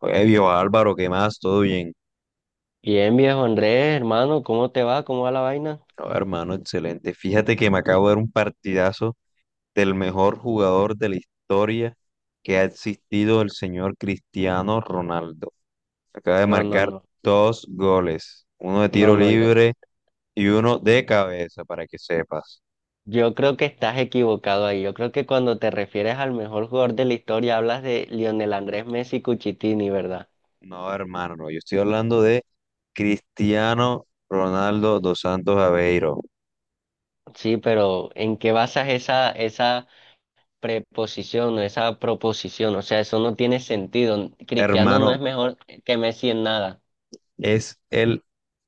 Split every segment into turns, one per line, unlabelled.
Oye, viejo Álvaro, ¿qué más? ¿Todo bien?
Bien, viejo Andrés, hermano, ¿cómo te va? ¿Cómo va la vaina?
No, hermano, excelente. Fíjate que me acabo de ver un partidazo del mejor jugador de la historia que ha existido, el señor Cristiano Ronaldo. Acaba de
No, no,
marcar
no,
dos goles, uno de
no,
tiro
no, yo,
libre y uno de cabeza, para que sepas.
yo creo que estás equivocado ahí. Yo creo que cuando te refieres al mejor jugador de la historia hablas de Lionel Andrés Messi Cuchitini, ¿verdad?
No, hermano, no, yo estoy hablando de Cristiano Ronaldo dos Santos Aveiro.
Sí, pero ¿en qué basas esa preposición o esa proposición? O sea, eso no tiene sentido. Cristiano no
Hermano,
es mejor que Messi en nada.
es el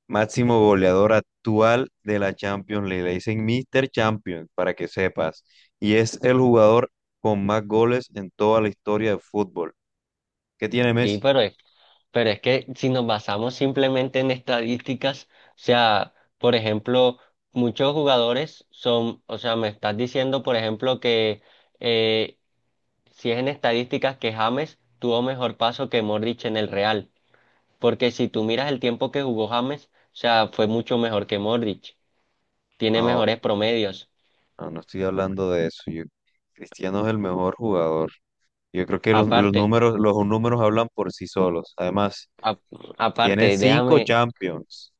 máximo goleador actual de la Champions League. Le dicen Mr. Champions, para que sepas. Y es el jugador con más goles en toda la historia del fútbol. ¿Qué tiene
Sí,
Messi?
pero es. Pero es que si nos basamos simplemente en estadísticas, o sea, por ejemplo, muchos jugadores son, o sea, me estás diciendo, por ejemplo, que eh, si es en estadísticas que James tuvo mejor paso que Modric en el Real, porque si tú miras el tiempo que jugó James, o sea, fue mucho mejor que Modric, tiene
No,
mejores promedios.
no, no estoy hablando de eso. Cristiano es el mejor jugador. Yo creo que los
Aparte,
números, los números hablan por sí solos. Además,
ap-
tiene
aparte,
cinco
déjame.
Champions.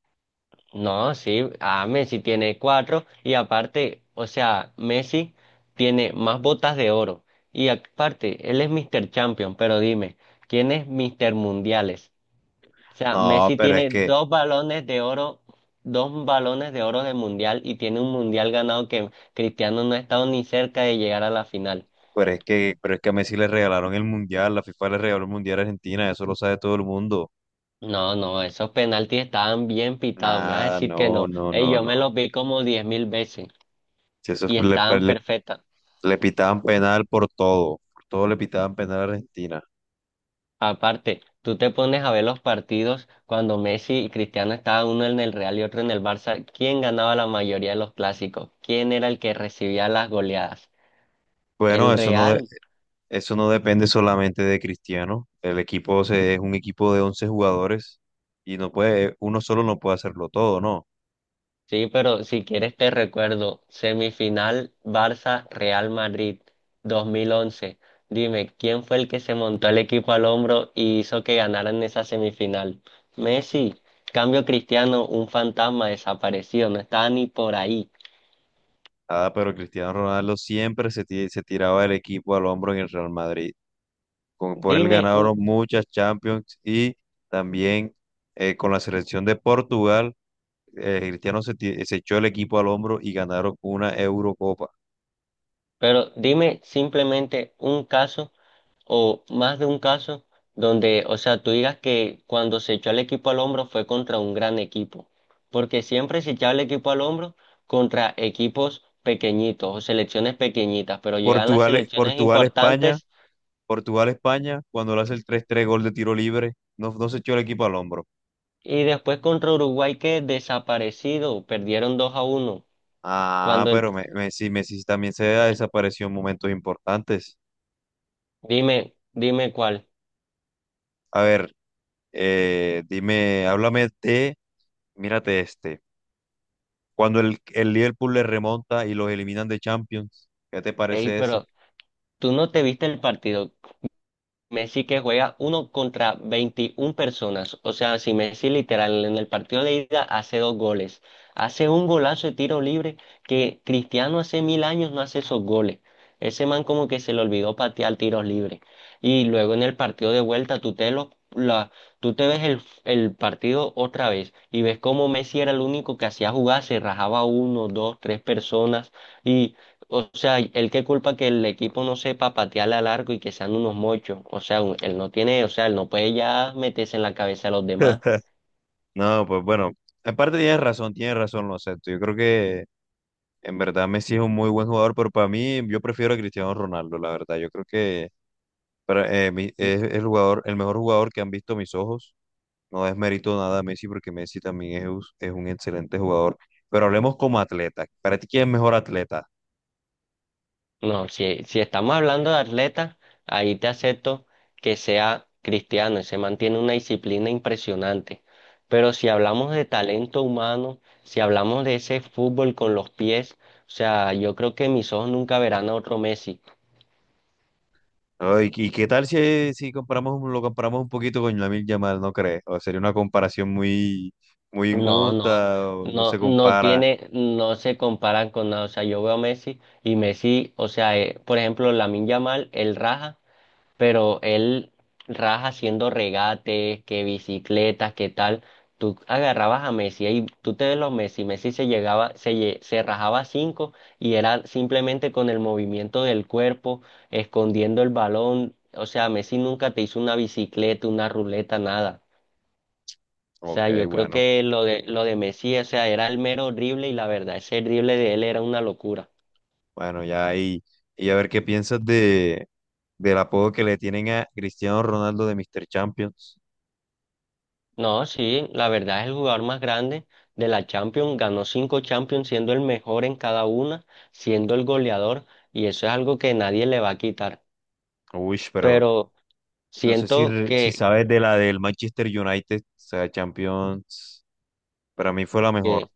No, sí, a Messi tiene cuatro y aparte, o sea, Messi tiene más botas de oro y aparte, él es Mr. Champion, pero dime, ¿quién es Mr. Mundiales? O sea,
No,
Messi
pero es
tiene
que,
dos balones de oro, dos balones de oro de mundial y tiene un mundial ganado que Cristiano no ha estado ni cerca de llegar a la final.
pero es que, pero es que a Messi le regalaron el Mundial, la FIFA le regaló el Mundial a Argentina, eso lo sabe todo el mundo.
No, no, esos penaltis estaban bien pitados, me vas a
Nada,
decir que
no,
no.
no,
Ey,
no,
yo
no.
me los vi como diez mil veces
Si eso
y
fue- le, pa-
estaban
le-
perfectas.
Le pitaban penal por todo le pitaban penal a Argentina.
Aparte, tú te pones a ver los partidos cuando Messi y Cristiano estaban uno en el Real y otro en el Barça. ¿Quién ganaba la mayoría de los clásicos? ¿Quién era el que recibía las goleadas? El
Bueno,
Real.
eso no depende solamente de Cristiano. Es un equipo de 11 jugadores y no puede, uno solo no puede hacerlo todo, ¿no?
Sí, pero si quieres te recuerdo, semifinal Barça-Real Madrid 2011. Dime, ¿quién fue el que se montó el equipo al hombro y hizo que ganaran esa semifinal? Messi. Cambio Cristiano, un fantasma desaparecido, no estaba ni por ahí.
Ah, pero Cristiano Ronaldo siempre se tiraba el equipo al hombro en el Real Madrid. Con, por él
Dime.
ganaron muchas Champions y también con la selección de Portugal, Cristiano se echó el equipo al hombro y ganaron una Eurocopa.
Pero dime simplemente un caso o más de un caso donde, o sea, tú digas que cuando se echó el equipo al hombro fue contra un gran equipo, porque siempre se echaba el equipo al hombro contra equipos pequeñitos o selecciones pequeñitas, pero llegan las
Portugal,
selecciones
Portugal, España,
importantes
Portugal, España, cuando le hace el tres tres gol de tiro libre, no, no se echó el equipo al hombro.
y después contra Uruguay que desaparecido, perdieron 2 a uno.
Ah,
Cuando el,
pero Messi, Messi también se desapareció en momentos importantes.
dime cuál.
A ver, dime, háblame de, mírate este, cuando el Liverpool le remonta y los eliminan de Champions, ¿qué te
Ey,
parece ese?
pero tú no te viste el partido. Messi que juega uno contra 21 personas. O sea, si Messi literal en el partido de ida hace dos goles, hace un golazo de tiro libre que Cristiano hace mil años no hace esos goles. Ese man como que se le olvidó patear tiros libres. Y luego en el partido de vuelta tú te, lo, la, tú te ves el partido otra vez y ves cómo Messi era el único que hacía jugar, se rajaba uno, dos, tres personas. O sea, él qué culpa que el equipo no sepa patearle a largo y que sean unos mochos. O sea, él no tiene, o sea, él no puede ya meterse en la cabeza de los demás.
No, pues bueno, en parte tienes razón, lo acepto. Yo creo que en verdad Messi es un muy buen jugador, pero para mí yo prefiero a Cristiano Ronaldo, la verdad. Yo creo que
Mm,
es el mejor jugador que han visto mis ojos. No desmerito nada a Messi porque Messi también es un excelente jugador. Pero hablemos como atleta. ¿Para ti quién es mejor atleta?
No, si estamos hablando de atletas, ahí te acepto que sea cristiano, se mantiene una disciplina impresionante. Pero si hablamos de talento humano, si hablamos de ese fútbol con los pies, o sea, yo creo que mis ojos nunca verán a otro Messi.
Ay, ¿y qué tal si comparamos, lo comparamos un poquito con Lamine Yamal, no crees? O sería una comparación muy, muy
No, no,
injusta, o no
no,
se
no
compara.
tiene, no se comparan con nada. O sea, yo veo a Messi y Messi, o sea, por ejemplo, Lamine Yamal, él raja, pero él raja haciendo regates, que bicicletas, que tal. Tú agarrabas a Messi y tú te ves los Messi, Messi se llegaba, se, se rajaba cinco y era simplemente con el movimiento del cuerpo, escondiendo el balón. O sea, Messi nunca te hizo una bicicleta, una ruleta, nada. O
Ok,
sea, yo creo que lo de Messi, o sea, era el mero horrible y la verdad, ese drible de él era una locura.
bueno, ya ahí. Y a ver qué piensas de, del apodo que le tienen a Cristiano Ronaldo de Mr. Champions.
No, sí, la verdad es el jugador más grande de la Champions, ganó cinco Champions siendo el mejor en cada una, siendo el goleador, y eso es algo que nadie le va a quitar.
Uy, pero
Pero
no sé
siento
si sabes de la del Manchester United, o sea, Champions, para mí fue la mejor,
que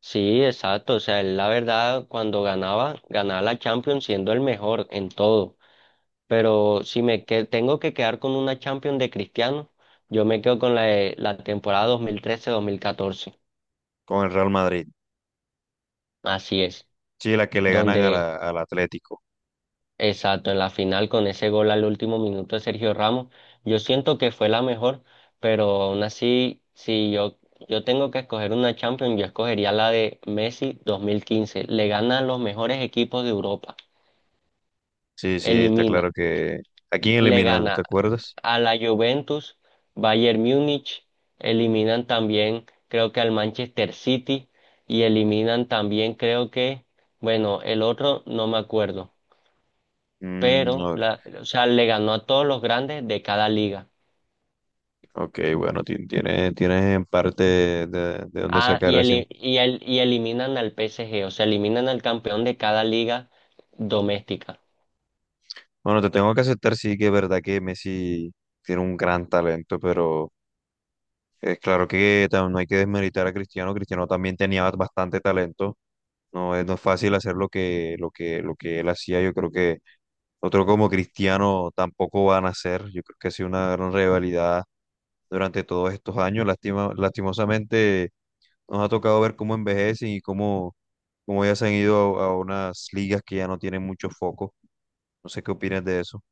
sí, exacto, o sea, él la verdad cuando ganaba, ganaba la Champions siendo el mejor en todo. Pero si me tengo que quedar con una Champions de Cristiano, yo me quedo con la, la temporada 2013-2014.
con el Real Madrid.
Así es,
Sí, la que le ganan a
donde,
al Atlético.
exacto, en la final con ese gol al último minuto de Sergio Ramos, yo siento que fue la mejor, pero aún así, si yo, yo tengo que escoger una Champions, yo escogería la de Messi 2015. Le gana a los mejores equipos de Europa,
Sí, sí, está
elimina.
claro que... ¿A quién
Le
eliminan?
gana
¿Te acuerdas?
a la Juventus, Bayern Múnich, eliminan también creo que al Manchester City y eliminan también creo que, bueno, el otro no me acuerdo,
Mm,
pero
o-
la, o sea, le ganó a todos los grandes de cada liga.
ok, bueno, tienes, tienes en parte de dónde
Ah,
sacar
y,
ese...
y eliminan al PSG, o sea, eliminan al campeón de cada liga doméstica.
Bueno, te tengo que aceptar, sí, que es verdad que Messi tiene un gran talento, pero es claro que no hay que desmeritar a Cristiano. Cristiano también tenía bastante talento. No es fácil hacer lo que él hacía. Yo creo que otro como Cristiano tampoco van a hacer. Yo creo que ha sido una gran rivalidad durante todos estos años. Lastimosamente nos ha tocado ver cómo envejecen y cómo, cómo ya se han ido a unas ligas que ya no tienen mucho foco. No sé qué opinas de eso.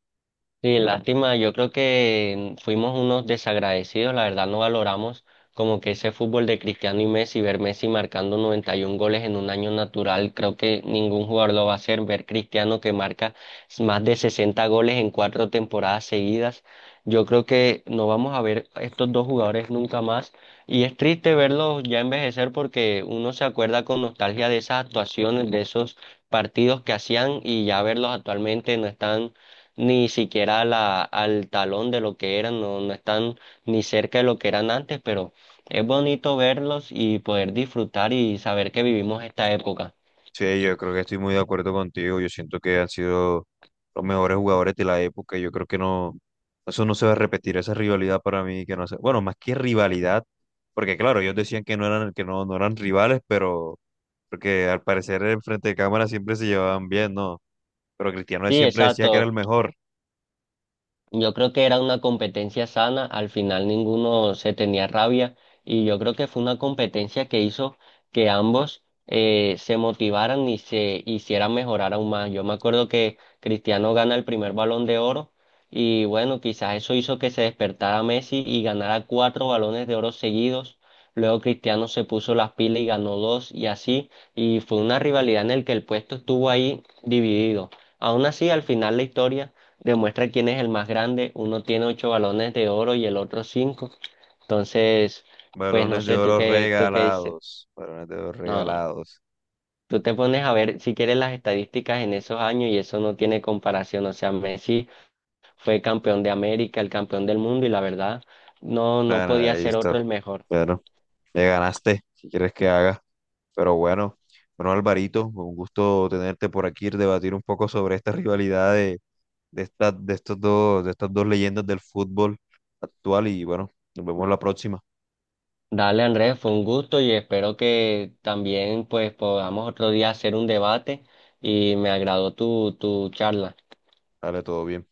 Sí, lástima, yo creo que fuimos unos desagradecidos, la verdad no valoramos como que ese fútbol de Cristiano y Messi, ver Messi marcando 91 goles en un año natural, creo que ningún jugador lo va a hacer, ver Cristiano que marca más de 60 goles en cuatro temporadas seguidas, yo creo que no vamos a ver a estos dos jugadores nunca más y es triste verlos ya envejecer porque uno se acuerda con nostalgia de esas actuaciones, de esos partidos que hacían y ya verlos actualmente no están ni siquiera a la, al talón de lo que eran, no, no están ni cerca de lo que eran antes, pero es bonito verlos y poder disfrutar y saber que vivimos esta época.
Sí, yo creo que estoy muy de acuerdo contigo. Yo siento que han sido los mejores jugadores de la época. Yo creo que no, eso no se va a repetir, esa rivalidad para mí que no sé. Bueno, más que rivalidad, porque claro, ellos decían que no eran, que no, no eran rivales, pero porque al parecer en frente de cámara siempre se llevaban bien, ¿no? Pero Cristiano
Sí,
siempre decía que era
exacto.
el mejor.
Yo creo que era una competencia sana, al final ninguno se tenía rabia y yo creo que fue una competencia que hizo que ambos se motivaran y se hicieran mejorar aún más. Yo me acuerdo que Cristiano gana el primer Balón de Oro y bueno, quizás eso hizo que se despertara Messi y ganara cuatro Balones de Oro seguidos. Luego Cristiano se puso las pilas y ganó dos y así, y fue una rivalidad en el que el puesto estuvo ahí dividido. Aún así, al final la historia demuestra quién es el más grande. Uno tiene ocho balones de oro y el otro cinco. Entonces, pues no
Balones de
sé, tú
oro
qué, tú qué dices.
regalados. Balones de oro
No,
regalados.
tú te pones a ver si quieres las estadísticas en esos años y eso no tiene comparación. O sea, Messi fue campeón de América, el campeón del mundo y la verdad, no, no
Bueno,
podía ser
listo.
otro el mejor.
Bueno, me ganaste. Si quieres que haga. Pero bueno, bueno, Alvarito, un gusto tenerte por aquí, debatir un poco sobre esta rivalidad de, de estos dos, de estas dos leyendas del fútbol actual. Y bueno, nos vemos la próxima.
Dale, Andrés, fue un gusto y espero que también pues podamos otro día hacer un debate y me agradó tu, tu charla.
Dale, todo bien.